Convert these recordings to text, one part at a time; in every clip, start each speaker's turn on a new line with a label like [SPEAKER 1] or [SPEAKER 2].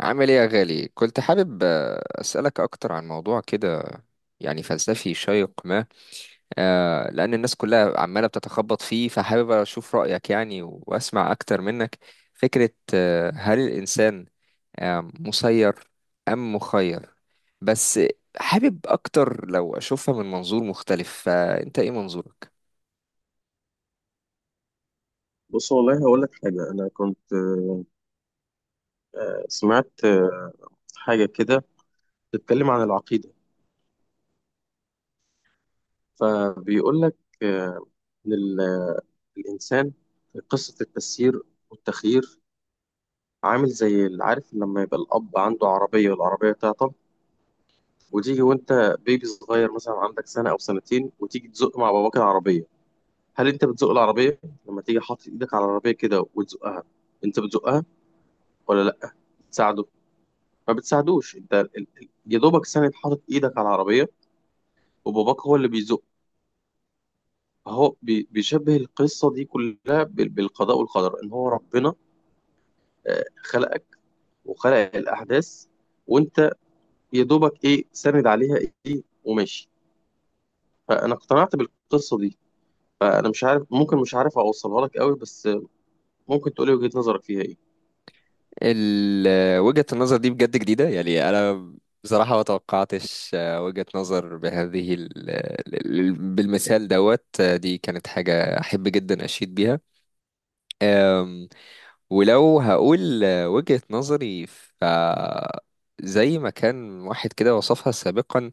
[SPEAKER 1] عامل ايه يا غالي؟ كنت حابب اسالك اكتر عن موضوع كده يعني فلسفي شيق ما. لان الناس كلها عماله بتتخبط فيه، فحابب اشوف رايك يعني واسمع اكتر منك. فكره هل الانسان مسير ام مخير؟ بس حابب اكتر لو اشوفها من منظور مختلف، فانت ايه منظورك؟
[SPEAKER 2] بص، والله هقول لك حاجة. أنا كنت سمعت حاجة كده بتتكلم عن العقيدة. فبيقول لك آه، إن الإنسان في قصة التسيير والتخيير عامل زي اللي عارف لما يبقى الأب عنده عربية والعربية تعطل، وتيجي وأنت بيبي صغير مثلا عندك سنة أو سنتين وتيجي تزق مع باباك العربية. هل أنت بتزق العربية لما تيجي حاطط إيدك على العربية كده وتزقها؟ أنت بتزقها ولا لأ؟ تساعده؟ ما بتساعدوش، انت يا دوبك ساند حاطط ايدك على العربيه، وباباك هو اللي بيزق. هو بيشبه القصه دي كلها بالقضاء والقدر، ان هو ربنا خلقك وخلق الاحداث، وانت يا دوبك ايه ساند عليها، ايه وماشي. فانا اقتنعت بالقصه دي. فانا مش عارف، ممكن مش عارف اوصلها لك قوي، بس ممكن تقولي وجهه نظرك فيها ايه؟
[SPEAKER 1] وجهة النظر دي بجد جديدة، يعني أنا بصراحة ما توقعتش وجهة نظر بهذه بالمثال دوت دي، كانت حاجة أحب جدا أشيد بيها. آم، ولو هقول وجهة نظري ف زي ما كان واحد كده وصفها سابقا.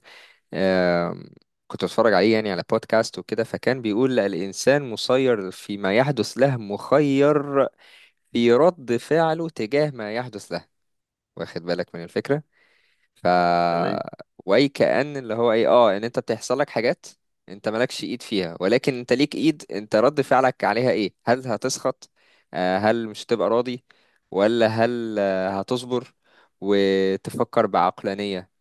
[SPEAKER 1] آم، كنت بتفرج عليه يعني على بودكاست وكده، فكان بيقول الإنسان مسير فيما يحدث له، مخير في رد فعله تجاه ما يحدث له. واخد بالك من الفكرة؟ ف
[SPEAKER 2] تمام.
[SPEAKER 1] واي كأن اللي هو ايه ان انت بتحصل لك حاجات انت مالكش ايد فيها، ولكن انت ليك ايد، انت رد فعلك عليها ايه؟ هل هتسخط؟ هل مش هتبقى راضي؟ ولا هل هتصبر وتفكر بعقلانية؟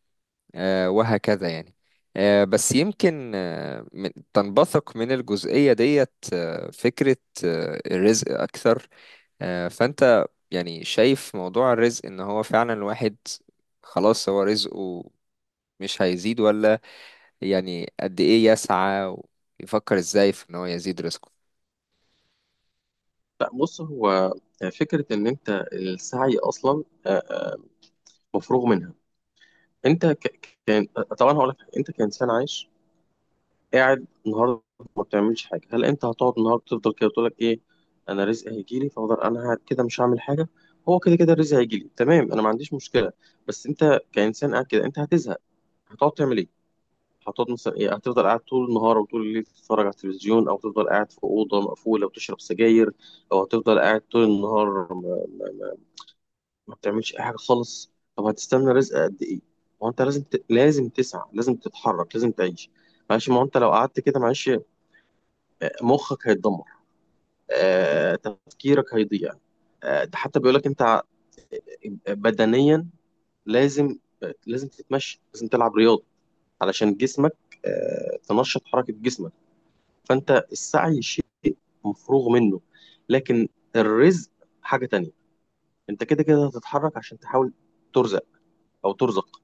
[SPEAKER 1] وهكذا يعني. بس يمكن تنبثق من الجزئية ديت فكرة الرزق أكثر. فانت يعني شايف موضوع الرزق ان هو فعلا الواحد خلاص هو رزقه مش هيزيد؟ ولا يعني قد ايه يسعى ويفكر ازاي في ان هو يزيد رزقه؟
[SPEAKER 2] لا بص، هو فكره ان انت السعي اصلا مفروغ منها. انت كان، طبعا هقول لك انت كانسان عايش قاعد النهارده ما بتعملش حاجه، هل انت هتقعد النهارده تفضل كده تقول لك ايه، انا رزقي هيجي لي فافضل انا قاعد كده مش هعمل حاجه، هو كده كده الرزق هيجي لي؟ تمام، انا ما عنديش مشكله، بس انت كانسان قاعد كده انت هتزهق. هتقعد تعمل ايه؟ هتقعد مثلا ايه، هتفضل قاعد طول النهار وطول الليل تتفرج على التلفزيون، او تفضل قاعد في اوضه مقفوله وتشرب سجاير، او هتفضل قاعد طول النهار ما ما, بتعملش اي حاجه خالص؟ طب هتستنى رزق قد ايه؟ ما هو انت لازم لازم تسعى، لازم تتحرك، لازم تعيش. معلش، ما هو انت لو قعدت كده معلش مخك هيتدمر، تفكيرك هيضيع. ده حتى بيقول لك انت بدنيا لازم لازم تتمشى، لازم تلعب رياضه علشان جسمك تنشط حركه جسمك. فانت السعي شيء مفروغ منه، لكن الرزق حاجه تانية. انت كده كده هتتحرك عشان تحاول ترزق او ترزق،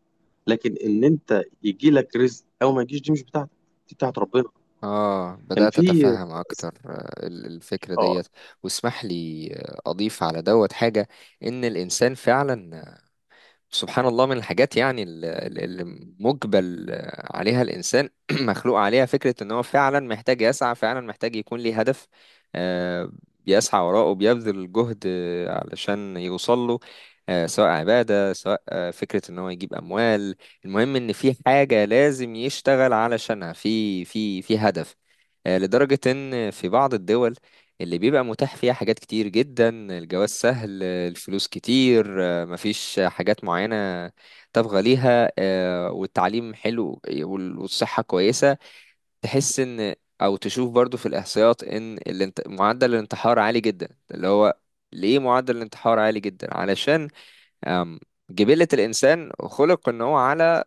[SPEAKER 2] لكن ان انت يجي لك رزق او ما يجيش دي مش بتاعتك، دي بتاعت ربنا.
[SPEAKER 1] اه،
[SPEAKER 2] كان
[SPEAKER 1] بدأت
[SPEAKER 2] في،
[SPEAKER 1] اتفهم اكتر الفكرة
[SPEAKER 2] اه
[SPEAKER 1] ديت. واسمح لي اضيف على دوت حاجة. ان الانسان فعلا سبحان الله من الحاجات يعني اللي مجبل عليها الإنسان مخلوق عليها، فكرة إن هو فعلا محتاج يسعى، فعلا محتاج يكون ليه هدف. آه، بيسعى وراءه، بيبذل جهد علشان يوصل له. سواء عبادة، سواء فكرة إن هو يجيب أموال. المهم إن في حاجة لازم يشتغل علشانها، في هدف. لدرجة إن في بعض الدول اللي بيبقى متاح فيها حاجات كتير جدا، الجواز سهل، الفلوس كتير، مفيش حاجات معينة تبغى ليها، والتعليم حلو، والصحة كويسة، تحس ان او تشوف برضو في الاحصائيات ان معدل الانتحار عالي جدا. اللي هو ليه معدل الانتحار عالي جدا؟ علشان آم، جبلة الانسان خلق ان هو على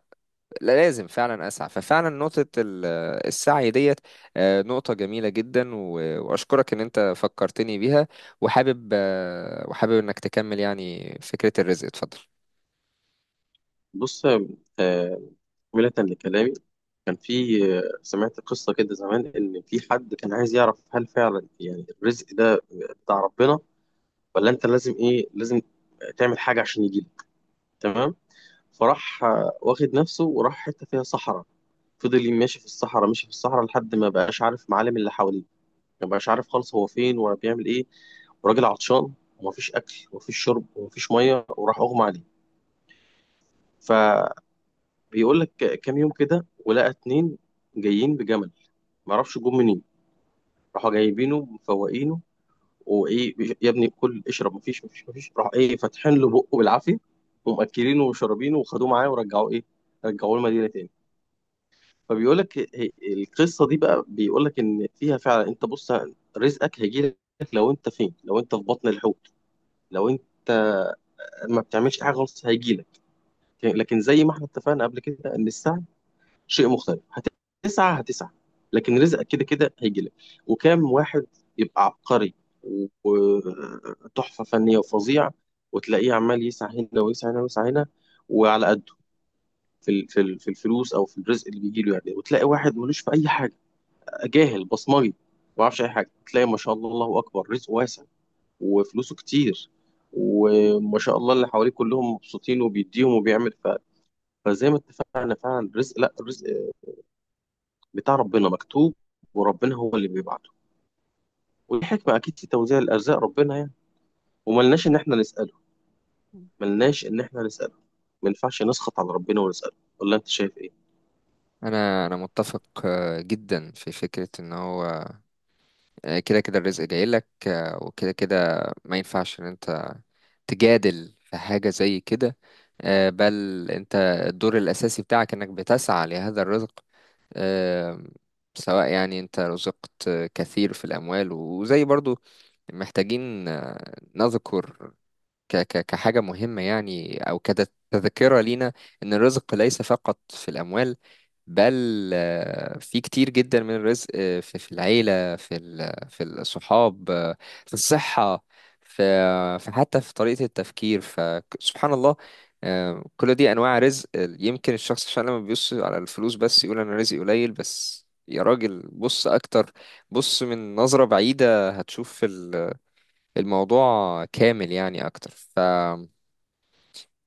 [SPEAKER 1] لا، لازم فعلا اسعى. ففعلا نقطة السعي ديت نقطة جميلة جدا، واشكرك ان انت فكرتني بيها. وحابب انك تكمل يعني فكرة الرزق، اتفضل.
[SPEAKER 2] بص آه، ملة لكلامي. كان في، سمعت قصة كده زمان إن في حد كان عايز يعرف هل فعلا يعني الرزق ده بتاع ربنا، ولا أنت لازم لازم تعمل حاجة عشان يجيلك. تمام. فراح واخد نفسه وراح حتة فيها صحراء. فضل ماشي في الصحراء، ماشي في الصحراء، لحد ما بقاش عارف معالم اللي حواليه. ما بقاش عارف خالص هو فين ولا بيعمل إيه، وراجل عطشان ومفيش أكل ومفيش شرب ومفيش مية، وراح أغمى عليه. فبيقول لك كام يوم كده، ولقى اتنين جايين بجمل، معرفش جم منين، راحوا جايبينه مفوقينه وايه، يا ابني كل اشرب، مفيش مفيش مفيش، راح ايه فاتحين له بقه بالعافيه، ومأكلينه وشربينه وخدوه معاه، ورجعوه ايه، المدينه تاني. فبيقول لك القصه دي بقى، بيقول لك ان فيها فعلا انت بص، رزقك هيجي لك، لو انت فين، لو انت في بطن الحوت، لو انت ما بتعملش حاجه خالص هيجي لك. لكن زي ما احنا اتفقنا قبل كده ان السعي شيء مختلف. هتسعى، هتسعى، لكن رزقك كده كده هيجي لك. وكام واحد يبقى عبقري وتحفة فنية وفظيع، وتلاقيه عمال يسعى هنا ويسعى هنا ويسعى هنا، وعلى قده في الفلوس، او في الرزق اللي بيجي له يعني. وتلاقي واحد ملوش في اي حاجة، جاهل بصمجي، ما يعرفش اي حاجة، تلاقي ما شاء الله الله اكبر، رزقه واسع وفلوسه كتير، وما شاء الله اللي حواليه كلهم مبسوطين وبيديهم وبيعمل فزي ما اتفقنا فعلا، الرزق، لا، الرزق بتاع ربنا مكتوب، وربنا هو اللي بيبعته، والحكمة أكيد في توزيع الأرزاق ربنا يعني. وملناش إن إحنا نسأله، ملناش إن إحنا نسأله. ما ينفعش نسخط على ربنا ونسأله، ولا أنت شايف إيه؟
[SPEAKER 1] انا متفق جدا في فكره ان هو كده كده الرزق جاي لك، وكده كده ما ينفعش ان انت تجادل في حاجه زي كده. بل انت الدور الاساسي بتاعك انك بتسعى لهذا الرزق. آه، سواء يعني انت رزقت كثير في الاموال. وزي برضو محتاجين نذكر ك ك كحاجة مهمة يعني، أو كتذكرة لينا، إن الرزق ليس فقط في الأموال، بل في كتير جدا من الرزق في العيلة، في الصحاب، في الصحة، في حتى في طريقة التفكير، فسبحان الله. كل دي أنواع رزق. يمكن الشخص عشان لما بيبص على الفلوس بس يقول أنا رزقي قليل. بس يا راجل بص أكتر، بص من نظرة بعيدة، هتشوف الموضوع كامل يعني اكتر. ف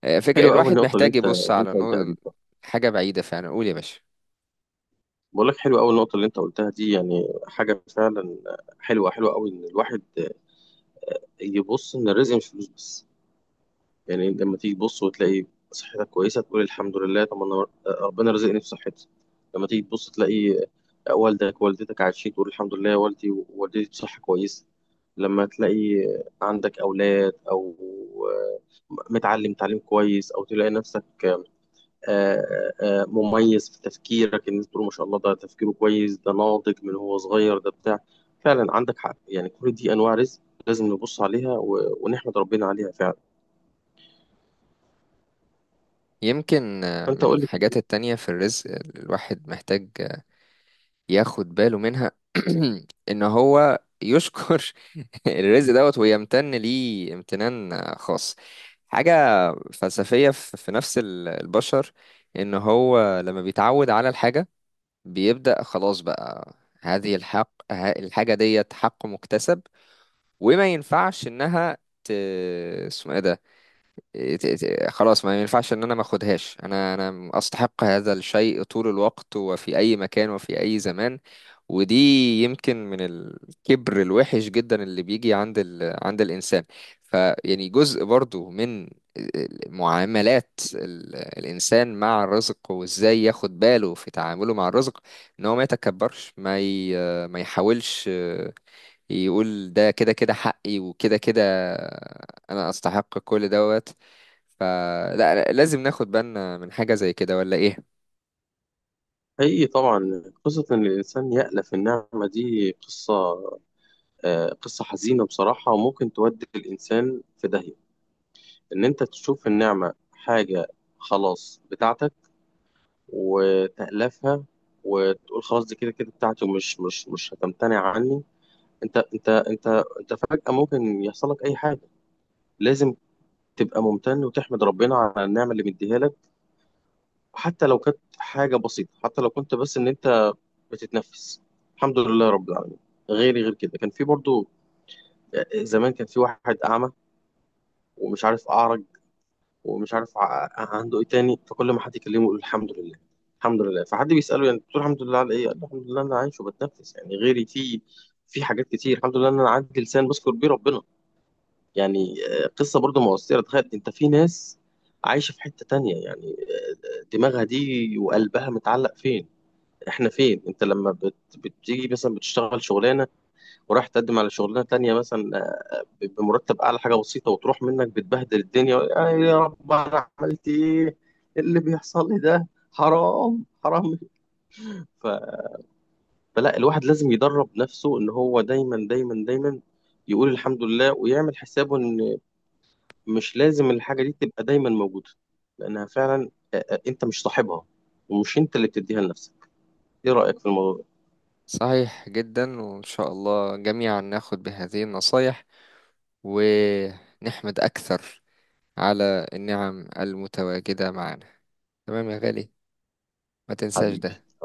[SPEAKER 2] حلوة أول
[SPEAKER 1] الواحد
[SPEAKER 2] نقطة اللي
[SPEAKER 1] محتاج
[SPEAKER 2] أنت
[SPEAKER 1] يبص
[SPEAKER 2] اللي أنت
[SPEAKER 1] على
[SPEAKER 2] قلتها دي.
[SPEAKER 1] حاجة بعيدة فعلا. قول يا باشا.
[SPEAKER 2] بقول لك حلوة أول نقطة اللي أنت قلتها دي، يعني حاجة فعلا حلوة، حلوة أوي، إن الواحد يبص إن الرزق مش فلوس بس. يعني لما تيجي تبص وتلاقي صحتك كويسة تقول الحمد لله، طب أنا ربنا رزقني بصحتي. لما تيجي تبص تلاقي والدك والدتك عايشين تقول الحمد لله يا والدي ووالدتي بصحة كويسة. لما تلاقي عندك أولاد، أو متعلم تعليم كويس، أو تلاقي نفسك آه، مميز في تفكيرك، الناس تقول ما شاء الله، ده تفكيره كويس، ده ناضج من هو صغير، ده بتاع. فعلا عندك حق يعني، كل دي أنواع رزق لازم نبص عليها ونحمد ربنا عليها فعلا.
[SPEAKER 1] يمكن
[SPEAKER 2] فأنت
[SPEAKER 1] من
[SPEAKER 2] أقول
[SPEAKER 1] الحاجات
[SPEAKER 2] لك،
[SPEAKER 1] التانية في الرزق الواحد محتاج ياخد باله منها، ان هو يشكر الرزق دوت ويمتن ليه امتنان خاص. حاجة فلسفية في نفس البشر، ان هو لما بيتعود على الحاجة بيبدأ خلاص بقى هذه الحاجة ديت حق مكتسب، وما ينفعش انها ت... اسمه ايه ده، خلاص ما ينفعش ان انا ما اخدهاش. انا استحق هذا الشيء طول الوقت وفي اي مكان وفي اي زمان. ودي يمكن من الكبر الوحش جدا اللي بيجي عند عند الانسان. فيعني جزء برضو من معاملات الانسان مع الرزق، وازاي ياخد باله في تعامله مع الرزق، ان هو ما يتكبرش، ما يحاولش يقول ده كده كده حقي وكده كده انا استحق كل دوت. فلا، لازم ناخد بالنا من حاجة زي كده، ولا ايه؟
[SPEAKER 2] حقيقي طبعا قصة إن الإنسان يألف النعمة دي قصة حزينة بصراحة، وممكن تودي الإنسان في داهية. إن أنت تشوف النعمة حاجة خلاص بتاعتك وتألفها، وتقول خلاص دي كده كده بتاعتي، ومش مش مش هتمتنع عني. أنت أنت أنت أنت فجأة ممكن يحصل لك أي حاجة. لازم تبقى ممتن وتحمد ربنا على النعمة اللي مديها لك، حتى لو كانت حاجة بسيطة، حتى لو كنت بس إن أنت بتتنفس، الحمد لله رب العالمين. غيري غير كده، كان في برضو زمان، كان في واحد أعمى ومش عارف أعرج، ومش عارف عنده ايه تاني، فكل ما حد يكلمه يقول الحمد لله الحمد لله. فحد بيسأله يعني بتقول الحمد لله على ايه، قال له الحمد لله انا عايش وبتنفس، يعني غيري في حاجات كتير الحمد لله، ان انا عندي لسان بذكر بيه ربنا. يعني قصة برضو مؤثرة. تخيل انت في ناس عايشة في حتة تانية، يعني دماغها دي وقلبها متعلق فين؟ احنا فين؟ انت لما بتيجي مثلا بتشتغل شغلانة ورايح تقدم على شغلانه تانية مثلا بمرتب اعلى حاجه بسيطه، وتروح منك، بتبهدل الدنيا، يا رب انا عملت ايه، إيه اللي بيحصل لي ده، حرام حرام. ف- فلا الواحد لازم يدرب نفسه ان هو دايما دايما دايما يقول الحمد لله، ويعمل حسابه ان مش لازم الحاجه دي تبقى دايما موجوده، لانها فعلا انت مش صاحبها ومش انت اللي بتديها لنفسك. ايه رايك في الموضوع ده؟
[SPEAKER 1] صحيح جدا، وان شاء الله جميعا ناخد بهذه النصايح ونحمد اكثر على النعم المتواجدة معنا. تمام يا غالي، ما تنساش
[SPEAKER 2] حبيبي.
[SPEAKER 1] ده.